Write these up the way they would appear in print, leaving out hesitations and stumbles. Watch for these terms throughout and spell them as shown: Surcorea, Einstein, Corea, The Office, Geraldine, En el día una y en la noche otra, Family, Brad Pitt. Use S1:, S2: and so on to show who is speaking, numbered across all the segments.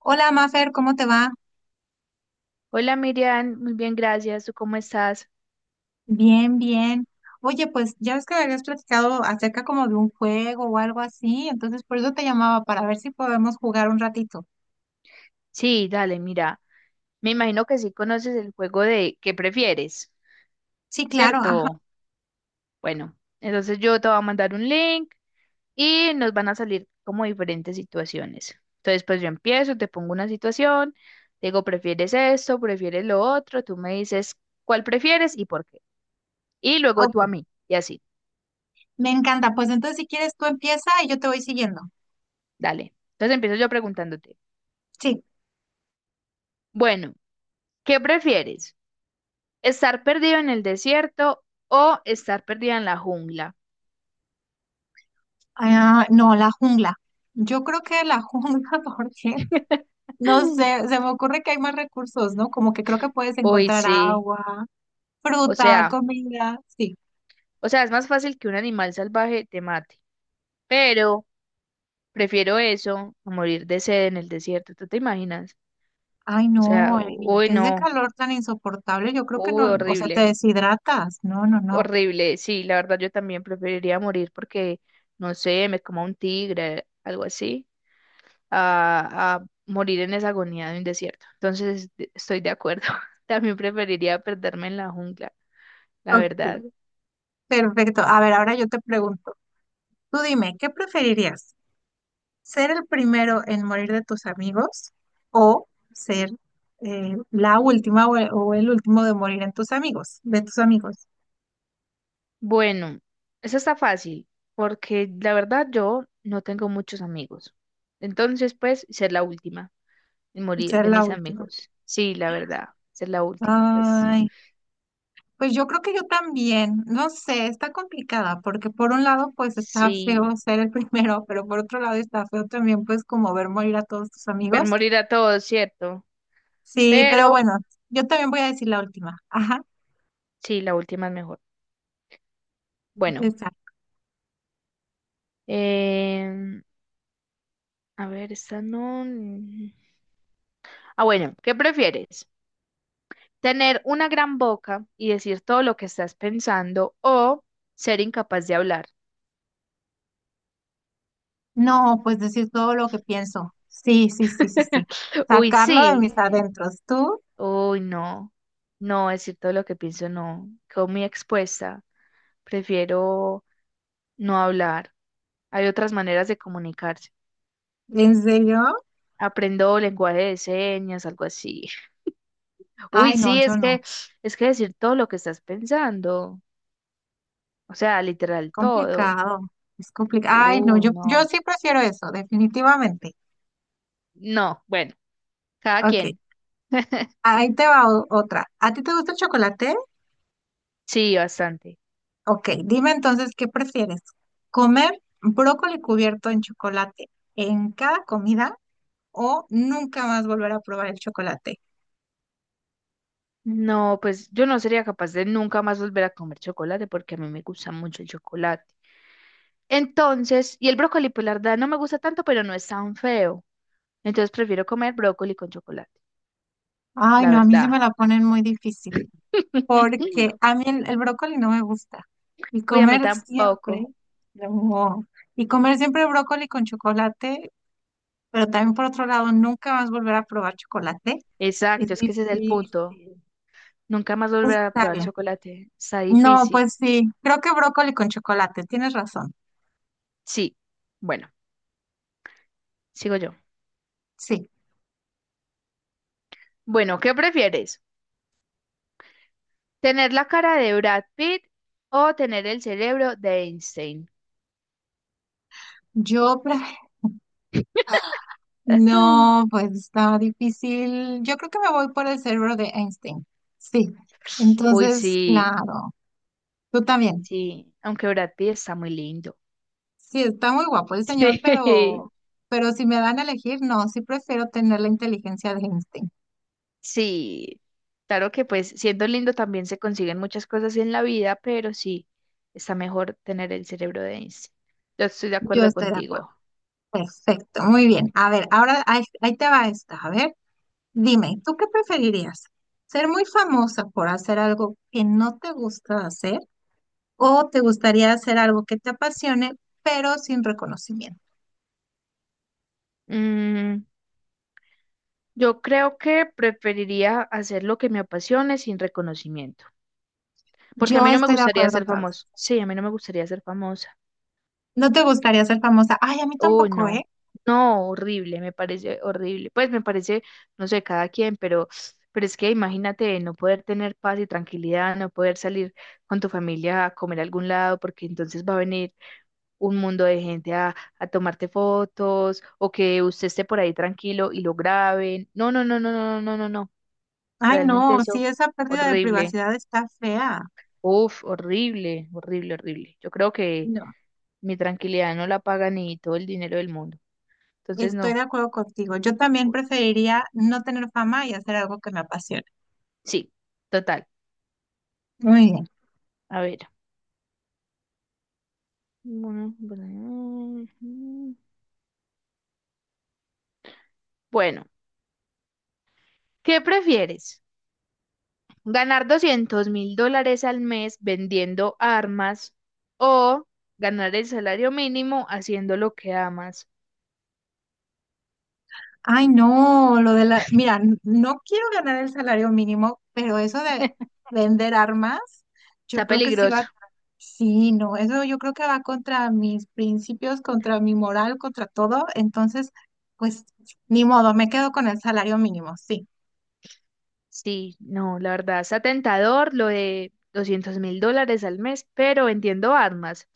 S1: Hola, Mafer, ¿cómo te va?
S2: Hola Miriam, muy bien, gracias. ¿Tú cómo estás?
S1: Bien, bien. Oye, pues ya ves que me habías platicado acerca como de un juego o algo así, entonces por eso te llamaba para ver si podemos jugar un ratito.
S2: Sí, dale, mira. Me imagino que sí conoces el juego de ¿qué prefieres?
S1: Sí, claro, ajá.
S2: ¿Cierto? Bueno, entonces yo te voy a mandar un link y nos van a salir como diferentes situaciones. Entonces, pues yo empiezo, te pongo una situación, te digo, ¿prefieres esto? ¿Prefieres lo otro? Tú me dices cuál prefieres y por qué. Y luego tú a
S1: Ok,
S2: mí, y así,
S1: me encanta. Pues entonces si quieres tú empieza y yo te voy siguiendo.
S2: dale. Entonces empiezo yo preguntándote,
S1: Sí.
S2: bueno, ¿qué prefieres? Estar perdido en el desierto o estar perdida en la jungla.
S1: Ah, no, la jungla. Yo creo que la jungla porque no sé, se me ocurre que hay más recursos, ¿no? Como que creo que puedes
S2: Uy,
S1: encontrar
S2: sí.
S1: agua,
S2: O
S1: fruta,
S2: sea,
S1: comida, sí.
S2: o sea, es más fácil que un animal salvaje te mate. Pero prefiero eso a morir de sed en el desierto. ¿Tú te imaginas?
S1: Ay,
S2: O sea,
S1: no, y
S2: uy,
S1: ese
S2: no.
S1: calor tan insoportable, yo creo que
S2: Uy,
S1: no, o sea, te
S2: horrible.
S1: deshidratas. No, no, no.
S2: Horrible. Sí, la verdad yo también preferiría morir porque, no sé, me coma un tigre, algo así, a morir en esa agonía de un desierto. Entonces, estoy de acuerdo. También preferiría perderme en la jungla, la
S1: Ok.
S2: verdad.
S1: Perfecto. A ver, ahora yo te pregunto, tú dime, ¿qué preferirías? ¿Ser el primero en morir de tus amigos o ser la última o el último de morir en tus amigos, de tus amigos?
S2: Bueno, eso está fácil, porque la verdad yo no tengo muchos amigos. Entonces, pues, ser la última y morir
S1: Ser
S2: de
S1: la
S2: mis
S1: última.
S2: amigos. Sí, la verdad, ser la última, pues.
S1: Ay, pues yo creo que yo también, no sé, está complicada porque por un lado pues está
S2: Sí,
S1: feo ser el primero, pero por otro lado está feo también pues como ver morir a todos tus
S2: ver
S1: amigos.
S2: morir a todos, ¿cierto?
S1: Sí, pero
S2: Pero
S1: bueno, yo también voy a decir la última. Ajá,
S2: sí, la última es mejor. Bueno,
S1: esa.
S2: em, a ver, esta no. Mm. Ah, bueno, ¿qué prefieres? ¿Tener una gran boca y decir todo lo que estás pensando o ser incapaz de hablar?
S1: No, pues decir todo lo que pienso. Sí, sí, sí, sí, sí.
S2: Uy,
S1: Sacarlo de
S2: sí.
S1: mis adentros. ¿Tú?
S2: Uy, no. No, decir todo lo que pienso, no. Quedo muy expuesta. Prefiero no hablar. Hay otras maneras de comunicarse.
S1: ¿En serio?
S2: Aprendo lenguaje de señas, algo así.
S1: Ay,
S2: Uy,
S1: no,
S2: sí,
S1: yo
S2: es
S1: no.
S2: que es que decir todo lo que estás pensando, o sea, literal todo.
S1: Complicado. Es complicado. Ay, no, yo
S2: No.
S1: sí prefiero eso, definitivamente.
S2: No, bueno, cada
S1: Ok,
S2: quien.
S1: ahí te va otra. ¿A ti te gusta el chocolate?
S2: Sí, bastante.
S1: Ok, dime entonces, ¿qué prefieres? ¿Comer brócoli cubierto en chocolate en cada comida o nunca más volver a probar el chocolate?
S2: No, pues yo no sería capaz de nunca más volver a comer chocolate porque a mí me gusta mucho el chocolate. Entonces, y el brócoli, pues la verdad no me gusta tanto, pero no es tan feo. Entonces prefiero comer brócoli con chocolate,
S1: Ay,
S2: la
S1: no, a mí sí
S2: verdad.
S1: me la ponen muy difícil porque a mí el brócoli no me gusta y
S2: Uy, a mí
S1: comer siempre,
S2: tampoco.
S1: no, y comer siempre brócoli con chocolate, pero también por otro lado, nunca más volver a probar chocolate es
S2: Exacto, es que ese es el
S1: difícil.
S2: punto. Nunca más volver a
S1: Está
S2: probar
S1: bien.
S2: chocolate. Está
S1: No,
S2: difícil.
S1: pues sí, creo que brócoli con chocolate, tienes razón.
S2: Sí. Bueno, sigo yo.
S1: Sí,
S2: Bueno, ¿qué prefieres? ¿Tener la cara de Brad Pitt o tener el cerebro de Einstein?
S1: yo
S2: Ay.
S1: no, pues está difícil. Yo creo que me voy por el cerebro de Einstein. Sí.
S2: Uy,
S1: Entonces,
S2: sí,
S1: claro, tú también.
S2: sí, aunque Brad Pitt está muy lindo.
S1: Sí, está muy guapo el señor,
S2: Sí,
S1: pero si me dan a elegir, no, sí prefiero tener la inteligencia de Einstein.
S2: sí, claro que pues siendo lindo también se consiguen muchas cosas en la vida, pero sí, está mejor tener el cerebro de Einstein. Yo estoy de
S1: Yo
S2: acuerdo
S1: estoy de acuerdo.
S2: contigo.
S1: Perfecto, muy bien. A ver, ahora ahí, ahí te va esta. A ver, dime, ¿tú qué preferirías? ¿Ser muy famosa por hacer algo que no te gusta hacer o te gustaría hacer algo que te apasione, pero sin reconocimiento?
S2: Mm, yo creo que preferiría hacer lo que me apasione sin reconocimiento, porque a
S1: Yo
S2: mí no me
S1: estoy de
S2: gustaría
S1: acuerdo
S2: ser
S1: otra vez.
S2: famoso. Sí, a mí no me gustaría ser famosa.
S1: No te gustaría ser famosa. Ay, a mí
S2: Oh,
S1: tampoco,
S2: no,
S1: ¿eh?
S2: no, horrible, me parece horrible. Pues me parece, no sé, cada quien, pero es que imagínate no poder tener paz y tranquilidad, no poder salir con tu familia a comer a algún lado, porque entonces va a venir un mundo de gente a tomarte fotos o que usted esté por ahí tranquilo y lo graben. No, no, no, no, no, no, no, no.
S1: Ay,
S2: Realmente
S1: no, sí,
S2: eso,
S1: esa pérdida de
S2: horrible.
S1: privacidad está fea.
S2: Uf, horrible, horrible, horrible. Yo creo que
S1: No,
S2: mi tranquilidad no la paga ni todo el dinero del mundo. Entonces,
S1: estoy
S2: no.
S1: de acuerdo contigo. Yo también preferiría no tener fama y hacer algo que me apasione.
S2: Sí, total.
S1: Muy bien.
S2: A ver. Bueno, bueno, ujú. Bueno, ¿qué prefieres? ¿Ganar $200,000 al mes vendiendo armas o ganar el salario mínimo haciendo lo que amas?
S1: Ay, no, lo de la, mira, no quiero ganar el salario mínimo, pero eso de vender armas, yo
S2: Está
S1: creo que sí
S2: peligroso.
S1: va, sí, no, eso yo creo que va contra mis principios, contra mi moral, contra todo, entonces, pues, ni modo, me quedo con el salario mínimo, sí,
S2: Sí, no, la verdad, está tentador lo de $200,000 al mes, pero vendiendo armas.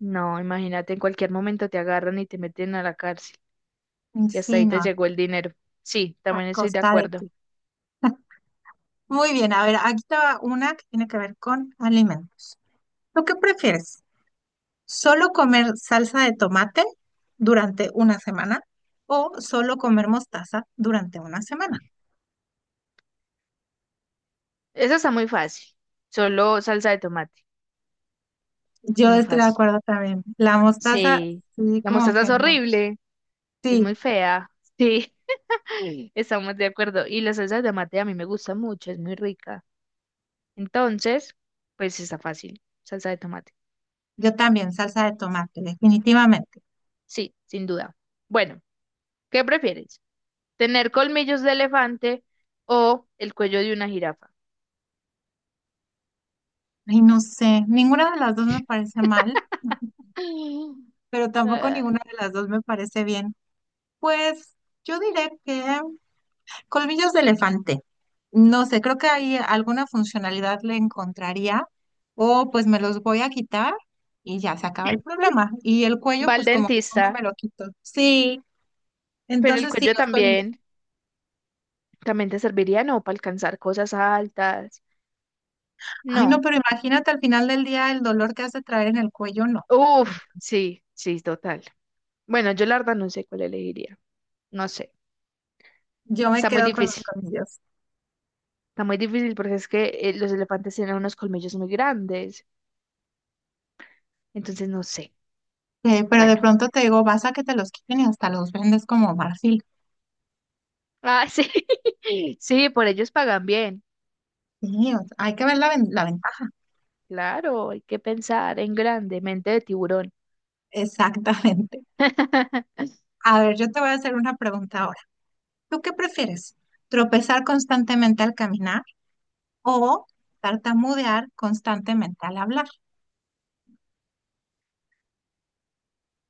S2: No, imagínate, en cualquier momento te agarran y te meten a la cárcel y hasta
S1: sí,
S2: ahí te
S1: no,
S2: llegó el dinero. Sí,
S1: a
S2: también estoy de
S1: costa de
S2: acuerdo.
S1: ti. Muy bien, a ver, aquí está una que tiene que ver con alimentos. ¿Tú qué prefieres? ¿Solo comer salsa de tomate durante una semana o solo comer mostaza durante una semana?
S2: Eso está muy fácil. Solo salsa de tomate.
S1: Yo
S2: Muy
S1: estoy de
S2: fácil.
S1: acuerdo también. La mostaza,
S2: Sí.
S1: sí,
S2: La
S1: como
S2: mostaza
S1: que
S2: es
S1: no.
S2: horrible. Es
S1: Sí,
S2: muy fea. Sí. Estamos de acuerdo. Y la salsa de tomate a mí me gusta mucho. Es muy rica. Entonces, pues está fácil. Salsa de tomate.
S1: yo también, salsa de tomate, definitivamente.
S2: Sí, sin duda. Bueno, ¿qué prefieres? ¿Tener colmillos de elefante o el cuello de una jirafa?
S1: Ay, no sé, ninguna de las dos me parece mal, pero tampoco
S2: Ah,
S1: ninguna de las dos me parece bien. Pues yo diré que colmillos de elefante. No sé, creo que ahí alguna funcionalidad le encontraría o pues me los voy a quitar y ya se acaba el problema. Y el cuello,
S2: va al
S1: pues como que cómo
S2: dentista,
S1: me lo quito. Sí,
S2: pero el
S1: entonces sí,
S2: cuello
S1: los colmillos.
S2: también. También te serviría, no, para alcanzar cosas altas.
S1: Ay, no,
S2: No.
S1: pero imagínate al final del día el dolor que has de traer en el cuello, no.
S2: Uf, sí, sí, total. Bueno, yo la verdad no sé cuál elegiría. No sé.
S1: Yo me
S2: Está muy
S1: quedo con los
S2: difícil.
S1: colmillos.
S2: Está muy difícil porque es que los elefantes tienen unos colmillos muy grandes. Entonces no sé.
S1: Pero de
S2: Bueno.
S1: pronto te digo, vas a que te los quiten y hasta los vendes como marfil.
S2: Ah, sí. Sí, por ellos pagan bien.
S1: Sí, o sea, hay que ver la, la ventaja.
S2: Claro, hay que pensar en grande, mente de tiburón.
S1: Exactamente. A ver, yo te voy a hacer una pregunta ahora. ¿Tú qué prefieres? ¿Tropezar constantemente al caminar o tartamudear constantemente al hablar?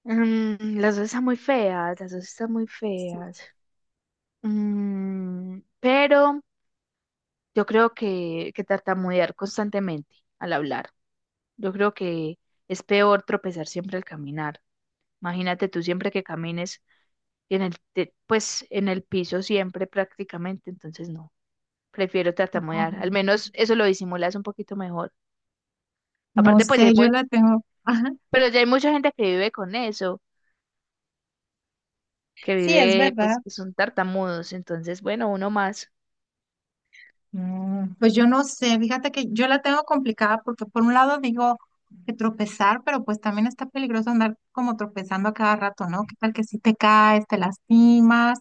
S2: Mm, las dos están muy feas, las dos están muy
S1: Sí.
S2: feas. Mm, pero yo creo que tartamudear constantemente al hablar. Yo creo que es peor tropezar siempre al caminar. Imagínate tú siempre que camines en pues en el piso siempre prácticamente, entonces no. Prefiero tartamudear. Al
S1: Ay,
S2: menos eso lo disimulas un poquito mejor.
S1: no
S2: Aparte, pues
S1: sé, yo la tengo. Ajá.
S2: pero ya hay mucha gente que vive con eso, que
S1: Sí, es
S2: vive,
S1: verdad.
S2: pues que son tartamudos. Entonces, bueno, uno más.
S1: Mm, pues yo no sé, fíjate que yo la tengo complicada porque por un lado digo que tropezar, pero pues también está peligroso andar como tropezando a cada rato, ¿no? ¿Qué tal que si te caes, te lastimas?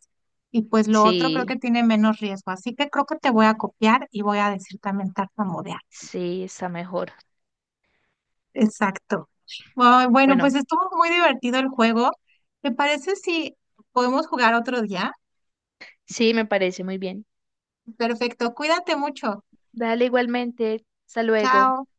S1: Y pues lo otro creo
S2: Sí,
S1: que tiene menos riesgo, así que creo que te voy a copiar y voy a decir también tartamudear.
S2: sí, está mejor.
S1: Exacto. Ay, bueno, pues
S2: Bueno,
S1: estuvo muy divertido el juego. ¿Te parece si podemos jugar otro día?
S2: sí, me parece muy bien.
S1: Perfecto, cuídate mucho.
S2: Dale igualmente. Hasta luego.
S1: Chao.